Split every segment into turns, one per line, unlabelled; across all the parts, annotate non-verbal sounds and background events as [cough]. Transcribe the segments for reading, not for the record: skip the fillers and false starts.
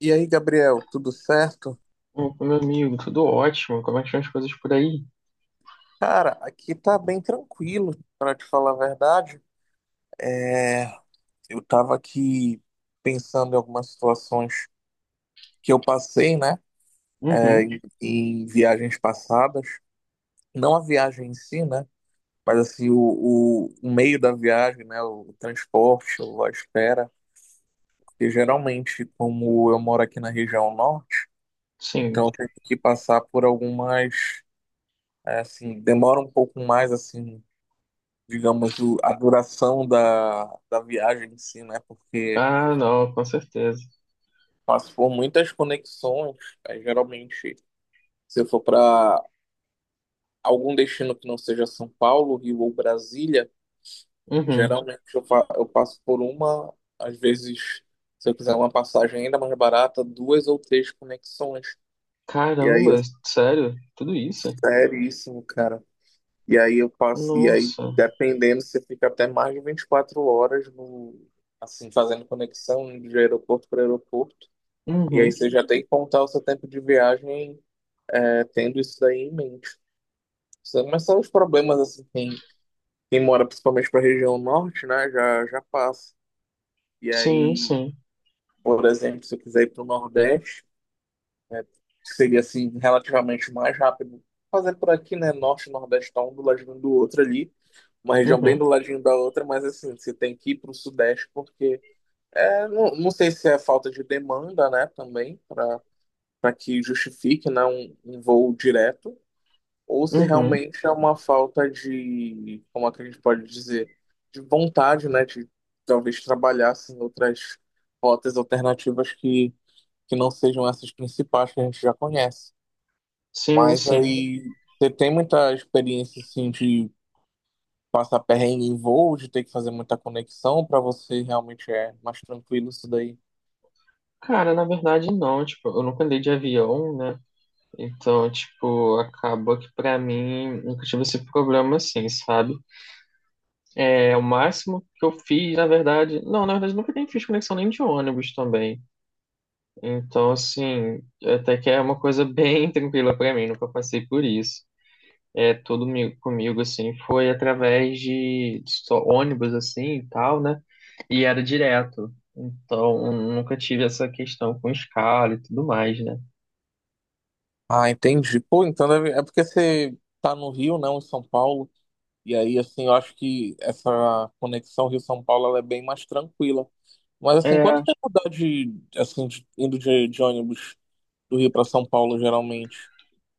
E aí, Gabriel, tudo certo?
Opa, meu amigo, tudo ótimo. Como é que estão as coisas por aí?
Cara, aqui tá bem tranquilo, pra te falar a verdade. Eu tava aqui pensando em algumas situações que eu passei, né,
Uhum,
em viagens passadas. Não a viagem em si, né, mas assim, o meio da viagem, né, o transporte, a espera. Porque geralmente, como eu moro aqui na região norte, então
sim.
eu tenho que passar por algumas, é, assim, demora um pouco mais, assim. Digamos, a duração da viagem em si, né? Porque
Ah, não, com certeza.
passou por muitas conexões, aí, geralmente, se eu for para algum destino que não seja São Paulo, Rio ou Brasília,
Uhum.
geralmente eu, fa eu passo por uma, às vezes, se eu quiser uma passagem ainda mais barata, duas ou três conexões. E aí é
Caramba, sério? Tudo isso?
seríssimo, cara. E aí eu passo, e aí,
Nossa.
dependendo, você fica até mais de 24 horas no, assim, fazendo conexão de aeroporto para aeroporto. E aí
Uhum.
você já tem que contar o seu tempo de viagem, é, tendo isso daí em mente. Mas são os problemas, assim, quem mora principalmente para a região norte, né, já passa. E
Sim,
aí,
sim.
por exemplo, se eu quiser ir para o Nordeste, né, que seria, assim, relativamente mais rápido, fazer por aqui, né, Norte e Nordeste tá um do ladinho do outro ali, uma região bem
Uhum.
do ladinho da outra, mas, assim, você tem que ir para o Sudeste porque, é, não sei se é falta de demanda, né, também, para que justifique, né, um voo direto, ou se
Uhum.
realmente é uma falta de, como é que a gente pode dizer, de vontade, né, de talvez trabalhar assim, outras rotas alternativas que não sejam essas principais que a gente já conhece.
Sim,
Mas
sim.
aí você tem muita experiência assim, de passar perrengue em voo, de ter que fazer muita conexão, para você realmente é mais tranquilo isso daí.
Cara, na verdade, não. Tipo, eu nunca andei de avião, né? Então, tipo, acaba que pra mim nunca tive esse problema assim, sabe? É o máximo que eu fiz, na verdade. Não, na verdade, nunca nem fiz conexão nem de ônibus também. Então, assim, até que é uma coisa bem [laughs] tranquila pra mim, nunca passei por isso. É, comigo, assim, foi através de só ônibus, assim, e tal, né? E era direto. Então, nunca tive essa questão com escala e tudo mais, né?
Ah, entendi. Pô, então é porque você tá no Rio, não em São Paulo. E aí, assim, eu acho que essa conexão Rio-São Paulo ela é bem mais tranquila. Mas, assim,
É,
quanto tempo dá de, assim, indo de ônibus do Rio para São Paulo, geralmente?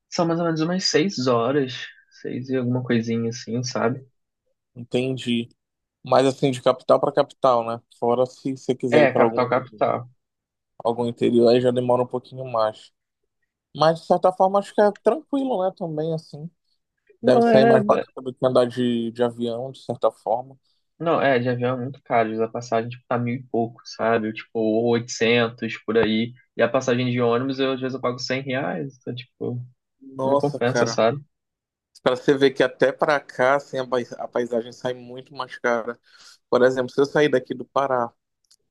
são mais ou menos umas 6 horas, seis e alguma coisinha, assim, sabe?
Entendi. Mas, assim, de capital para capital, né? Fora se você quiser
É,
ir para algum,
capital, capital.
algum interior, aí já demora um pouquinho mais. Mas, de certa forma, acho que é tranquilo, né? Também, assim. Deve
Não,
sair
é,
mais barato do que andar de avião, de certa forma.
Não, é, de avião é muito caro. A passagem, tipo, tá mil e pouco, sabe? Tipo, 800 por aí. E a passagem de ônibus, eu, às vezes eu pago 100 reais. Então, tipo, não
Nossa,
compensa,
cara.
sabe?
Para você ver que até para cá, assim, a a paisagem sai muito mais cara. Por exemplo, se eu sair daqui do Pará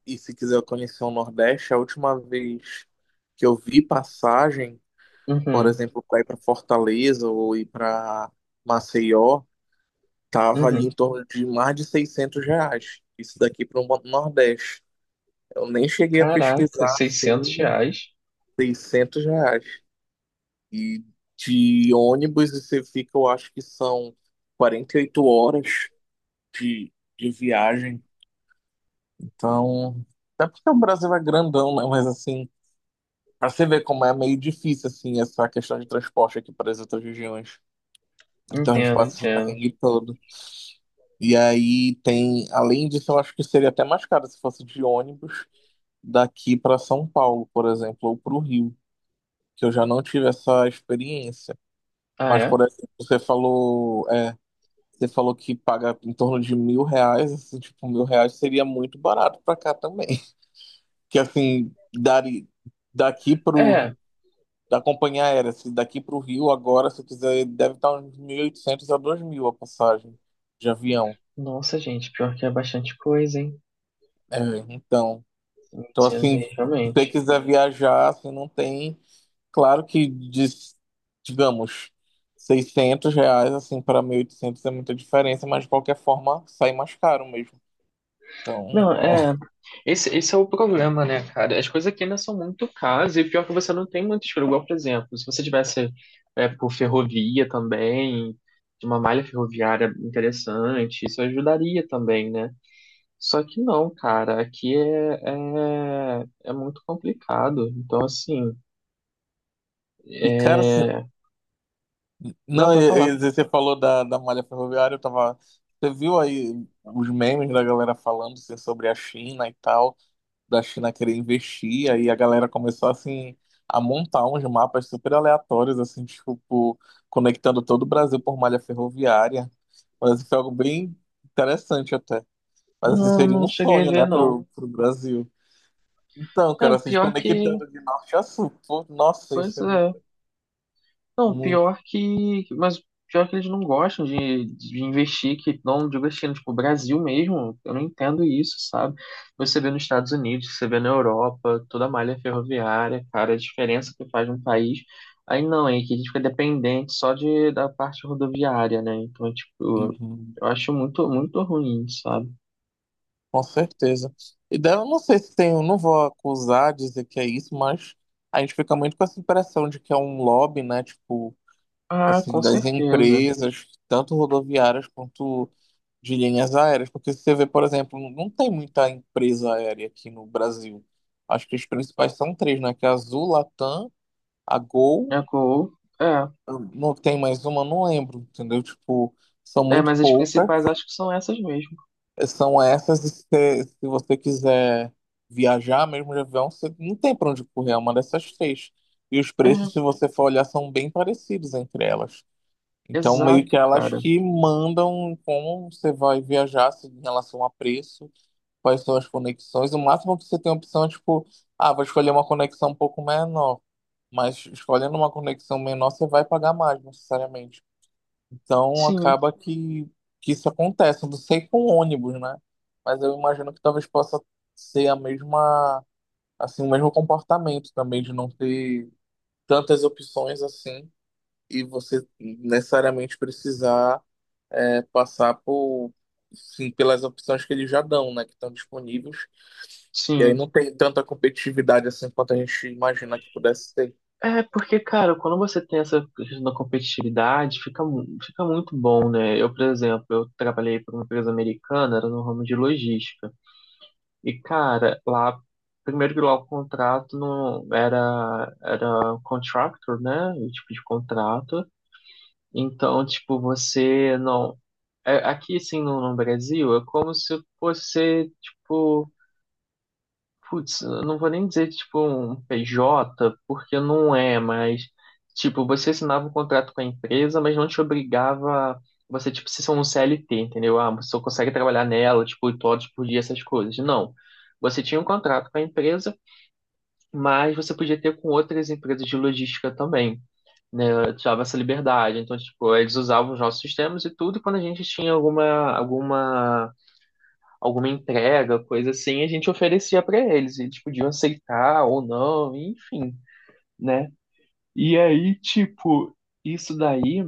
e se quiser conhecer o Nordeste, a última vez que eu vi passagem, por
Uhum,
exemplo, para ir para Fortaleza ou ir para Maceió, tava ali em
uhum.
torno de mais de 600 reais. Isso daqui para o Nordeste. Eu nem cheguei a
Caraca,
pesquisar,
seiscentos
assim,
reais?
600 reais. E de ônibus você fica, eu acho que são 48 horas de, de viagem. Então, até porque o Brasil é grandão, né? Mas assim, pra você ver como é meio difícil, assim, essa questão de transporte aqui para as outras regiões. Então a gente
Entendo,
passa o
entendo.
perrengue todo. E aí tem, além disso, eu acho que seria até mais caro se fosse de ônibus daqui para São Paulo, por exemplo, ou para o Rio, que eu já não tive essa experiência.
Ah,
Mas,
é?
por exemplo, você falou que paga em torno de 1.000 reais, assim, tipo, 1.000 reais seria muito barato para cá também. que assim, dari, daqui pro,
É.
da companhia aérea, se daqui pro Rio agora, se quiser, deve estar uns 1.800 a 2.000 a passagem de avião.
Nossa, gente, pior que é bastante coisa, hein?
É, então, então
800
assim,
aí,
se você
realmente.
quiser viajar, assim, não tem, claro que, digamos, 600 reais, assim, para 1.800 é muita diferença, mas de qualquer forma, sai mais caro mesmo. Então,
Não, é.
é.
Esse é o problema, né, cara? As coisas aqui ainda são muito caras e pior é que você não tem muito escolha. Igual, por exemplo, se você tivesse é, por ferrovia também, de uma malha ferroviária interessante, isso ajudaria também, né? Só que não, cara, aqui é muito complicado. Então, assim,
E cara,
é... não,
não,
pra falar.
e você falou da, da malha ferroviária, eu tava. Você viu aí os memes da galera falando assim, sobre a China e tal, da China querer investir, aí a galera começou assim a montar uns mapas super aleatórios, assim, tipo, conectando todo o Brasil por malha ferroviária. Mas assim, foi algo bem interessante até. Mas assim,
Não,
seria
não
um
cheguei a
sonho,
ver,
né,
não.
pro Brasil. Então,
É,
cara, se
pior é que.
desconectando de norte a sul. Pô, nossa, isso
Pois
é
é.
muito.
Não,
Muito.
pior que. Mas pior que eles não gostam de investir, que não digo assim, tipo, o Brasil mesmo, eu não entendo isso, sabe? Você vê nos Estados Unidos, você vê na Europa, toda a malha ferroviária, cara, a diferença que faz um país. Aí não, é que a gente fica dependente só de, da parte rodoviária, né? Então, é, tipo,
Uhum.
eu acho muito, muito ruim, sabe?
Com certeza. E daí eu não sei se tem, eu não vou acusar, dizer que é isso, mas a gente fica muito com essa impressão de que é um lobby, né? Tipo,
Ah,
assim,
com
das
certeza.
empresas, tanto rodoviárias quanto de linhas aéreas. Porque se você vê, por exemplo, não tem muita empresa aérea aqui no Brasil. Acho que as principais são três, né? Que é a Azul, Latam, a Gol,
É, co- é,
não tem mais uma, não lembro, entendeu? Tipo, são muito
mas as principais
poucas.
acho que são essas mesmo.
São essas, e se você quiser viajar mesmo de avião, você não tem para onde correr, é uma dessas três. E os
É,
preços, se você for olhar, são bem parecidos entre elas. Então, meio que
exato,
elas
cara.
que mandam como você vai viajar em relação a preço, quais são as conexões. O máximo que você tem opção é tipo, ah, vou escolher uma conexão um pouco menor. Mas escolhendo uma conexão menor, você vai pagar mais, necessariamente. Então
Sim.
acaba que isso acontece. Eu não sei com ônibus, né? Mas eu imagino que talvez possa ser a mesma, assim, o mesmo comportamento também de não ter tantas opções assim e você necessariamente precisar é, sim, pelas opções que eles já dão, né? Que estão disponíveis. E aí
Sim.
não tem tanta competitividade assim quanto a gente imagina que pudesse ter.
É, porque, cara, quando você tem essa questão da competitividade, fica, fica muito bom, né? Eu, por exemplo, eu trabalhei para uma empresa americana, era no ramo de logística. E, cara, lá, primeiro que lá o contrato não era, era contractor, né? O tipo de contrato. Então, tipo, você não. é- Aqui, assim, no Brasil, é como se você, tipo. Putz, eu não vou nem dizer tipo é um PJ, porque não é, mas tipo, você assinava um contrato com a empresa, mas não te obrigava você, tipo, se são um CLT, entendeu? Ah, você só consegue trabalhar nela, tipo, 8 horas por dia, essas coisas. Não. Você tinha um contrato com a empresa, mas você podia ter com outras empresas de logística também. Eu Te dava essa liberdade. Então, tipo, eles usavam os nossos sistemas e tudo, e quando a gente tinha alguma, alguma alguma entrega, coisa assim, a gente oferecia pra eles, e eles podiam aceitar ou não, enfim, né? E aí, tipo, isso daí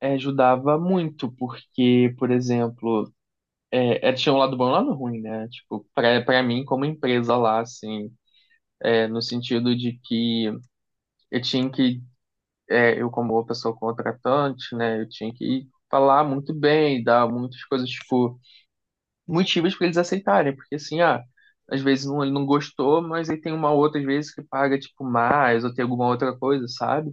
eh, ajudava muito, porque, por exemplo, tinha um lado bom e um lado ruim, né? Tipo, pra mim, como empresa lá, assim, no sentido de que eu tinha que, eu como pessoa contratante, né, eu tinha que falar muito bem, dar muitas coisas, tipo, motivos para eles aceitarem, porque assim, ah, às vezes não, ele não gostou, mas aí tem uma outra, às vezes, que paga, tipo, mais, ou tem alguma outra coisa, sabe?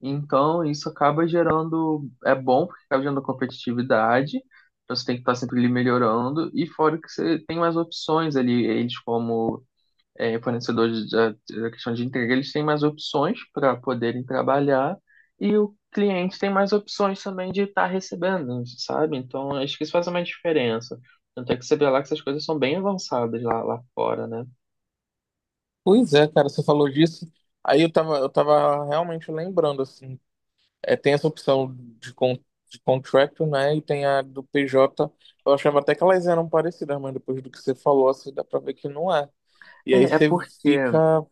Então, isso acaba gerando, é bom, porque acaba gerando competitividade, então você tem que estar sempre ali melhorando, e fora que você tem mais opções ali, eles como fornecedores da questão de entrega, eles têm mais opções para poderem trabalhar e o cliente tem mais opções também de estar recebendo, sabe? Então, acho que isso faz uma diferença. Tanto é que você vê lá que essas coisas são bem avançadas lá, lá fora, né?
Pois é, cara, você falou disso. Aí eu tava realmente lembrando, assim, é, tem essa opção de, con de contractor, né? E tem a do PJ. Eu achava até que elas eram parecidas, mas depois do que você falou, assim, dá pra ver que não é. E aí
É, é
você
porque.
fica,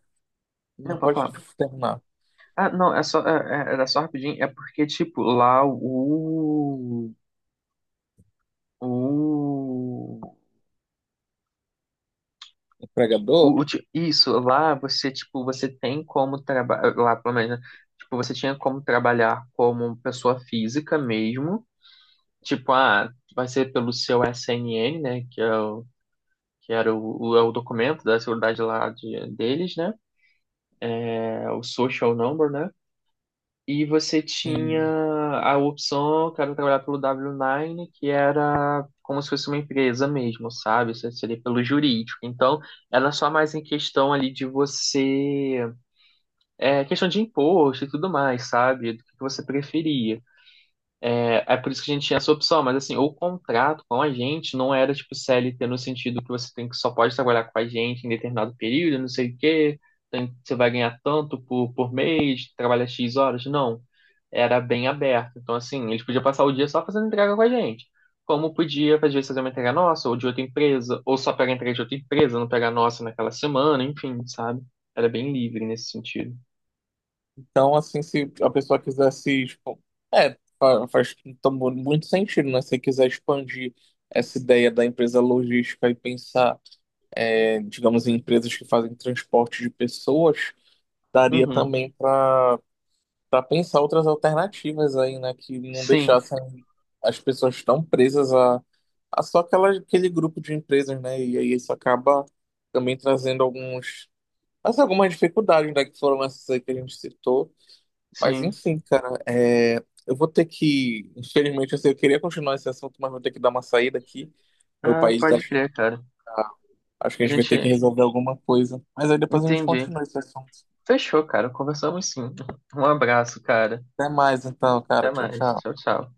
Não,
não
pra
pode
falar.
terminar,
Ah, não, é só, era só rapidinho. É porque, tipo, lá o O,
empregador.
isso, lá você, tipo, você tem como trabalhar, lá pelo menos, né? Tipo, você tinha como trabalhar como pessoa física mesmo, tipo, ah, vai ser pelo seu SNN, né, que era é o documento da seguridade lá de, deles, né, é o social number, né, e você tinha
Sim.
a opção, quero trabalhar pelo W9, que era como se fosse uma empresa mesmo, sabe, isso seria pelo jurídico, então, era só mais em questão ali de você questão de imposto e tudo mais, sabe? Do que você preferia. É, é por isso que a gente tinha essa opção, mas assim, o contrato com a gente não era tipo CLT no sentido que você tem que só pode trabalhar com a gente em determinado período, não sei o quê, você vai ganhar tanto por mês, trabalha X horas, não. Era bem aberto. Então, assim, eles podiam passar o dia só fazendo entrega com a gente. Como podia, às vezes, fazer uma entrega nossa, ou de outra empresa, ou só pegar entrega de outra empresa, não pegar a nossa naquela semana, enfim, sabe? Era bem livre nesse sentido.
Então, assim, se a pessoa quiser se, faz então, muito sentido, né? Se quiser expandir essa ideia da empresa logística e pensar, é, digamos, em empresas que fazem transporte de pessoas, daria
Uhum.
também para pensar outras alternativas aí, né? Que não
Sim,
deixassem as pessoas tão presas a só aquela, aquele grupo de empresas, né? E aí isso acaba também trazendo alguns, algumas dificuldades, né? Que foram essas aí que a gente citou. Mas
sim.
enfim, cara, é, eu vou ter que, infelizmente, assim, eu queria continuar esse assunto, mas vou ter que dar uma saída aqui. Meu
Ah,
país tá,
pode crer, cara.
acho que
A
a gente vai ter que
gente
resolver alguma coisa. Mas aí depois a gente
Entendi.
continua esse assunto.
Fechou, cara. Conversamos sim. Um abraço, cara.
Até mais então,
Até
cara. Tchau,
mais.
tchau.
Tchau, tchau.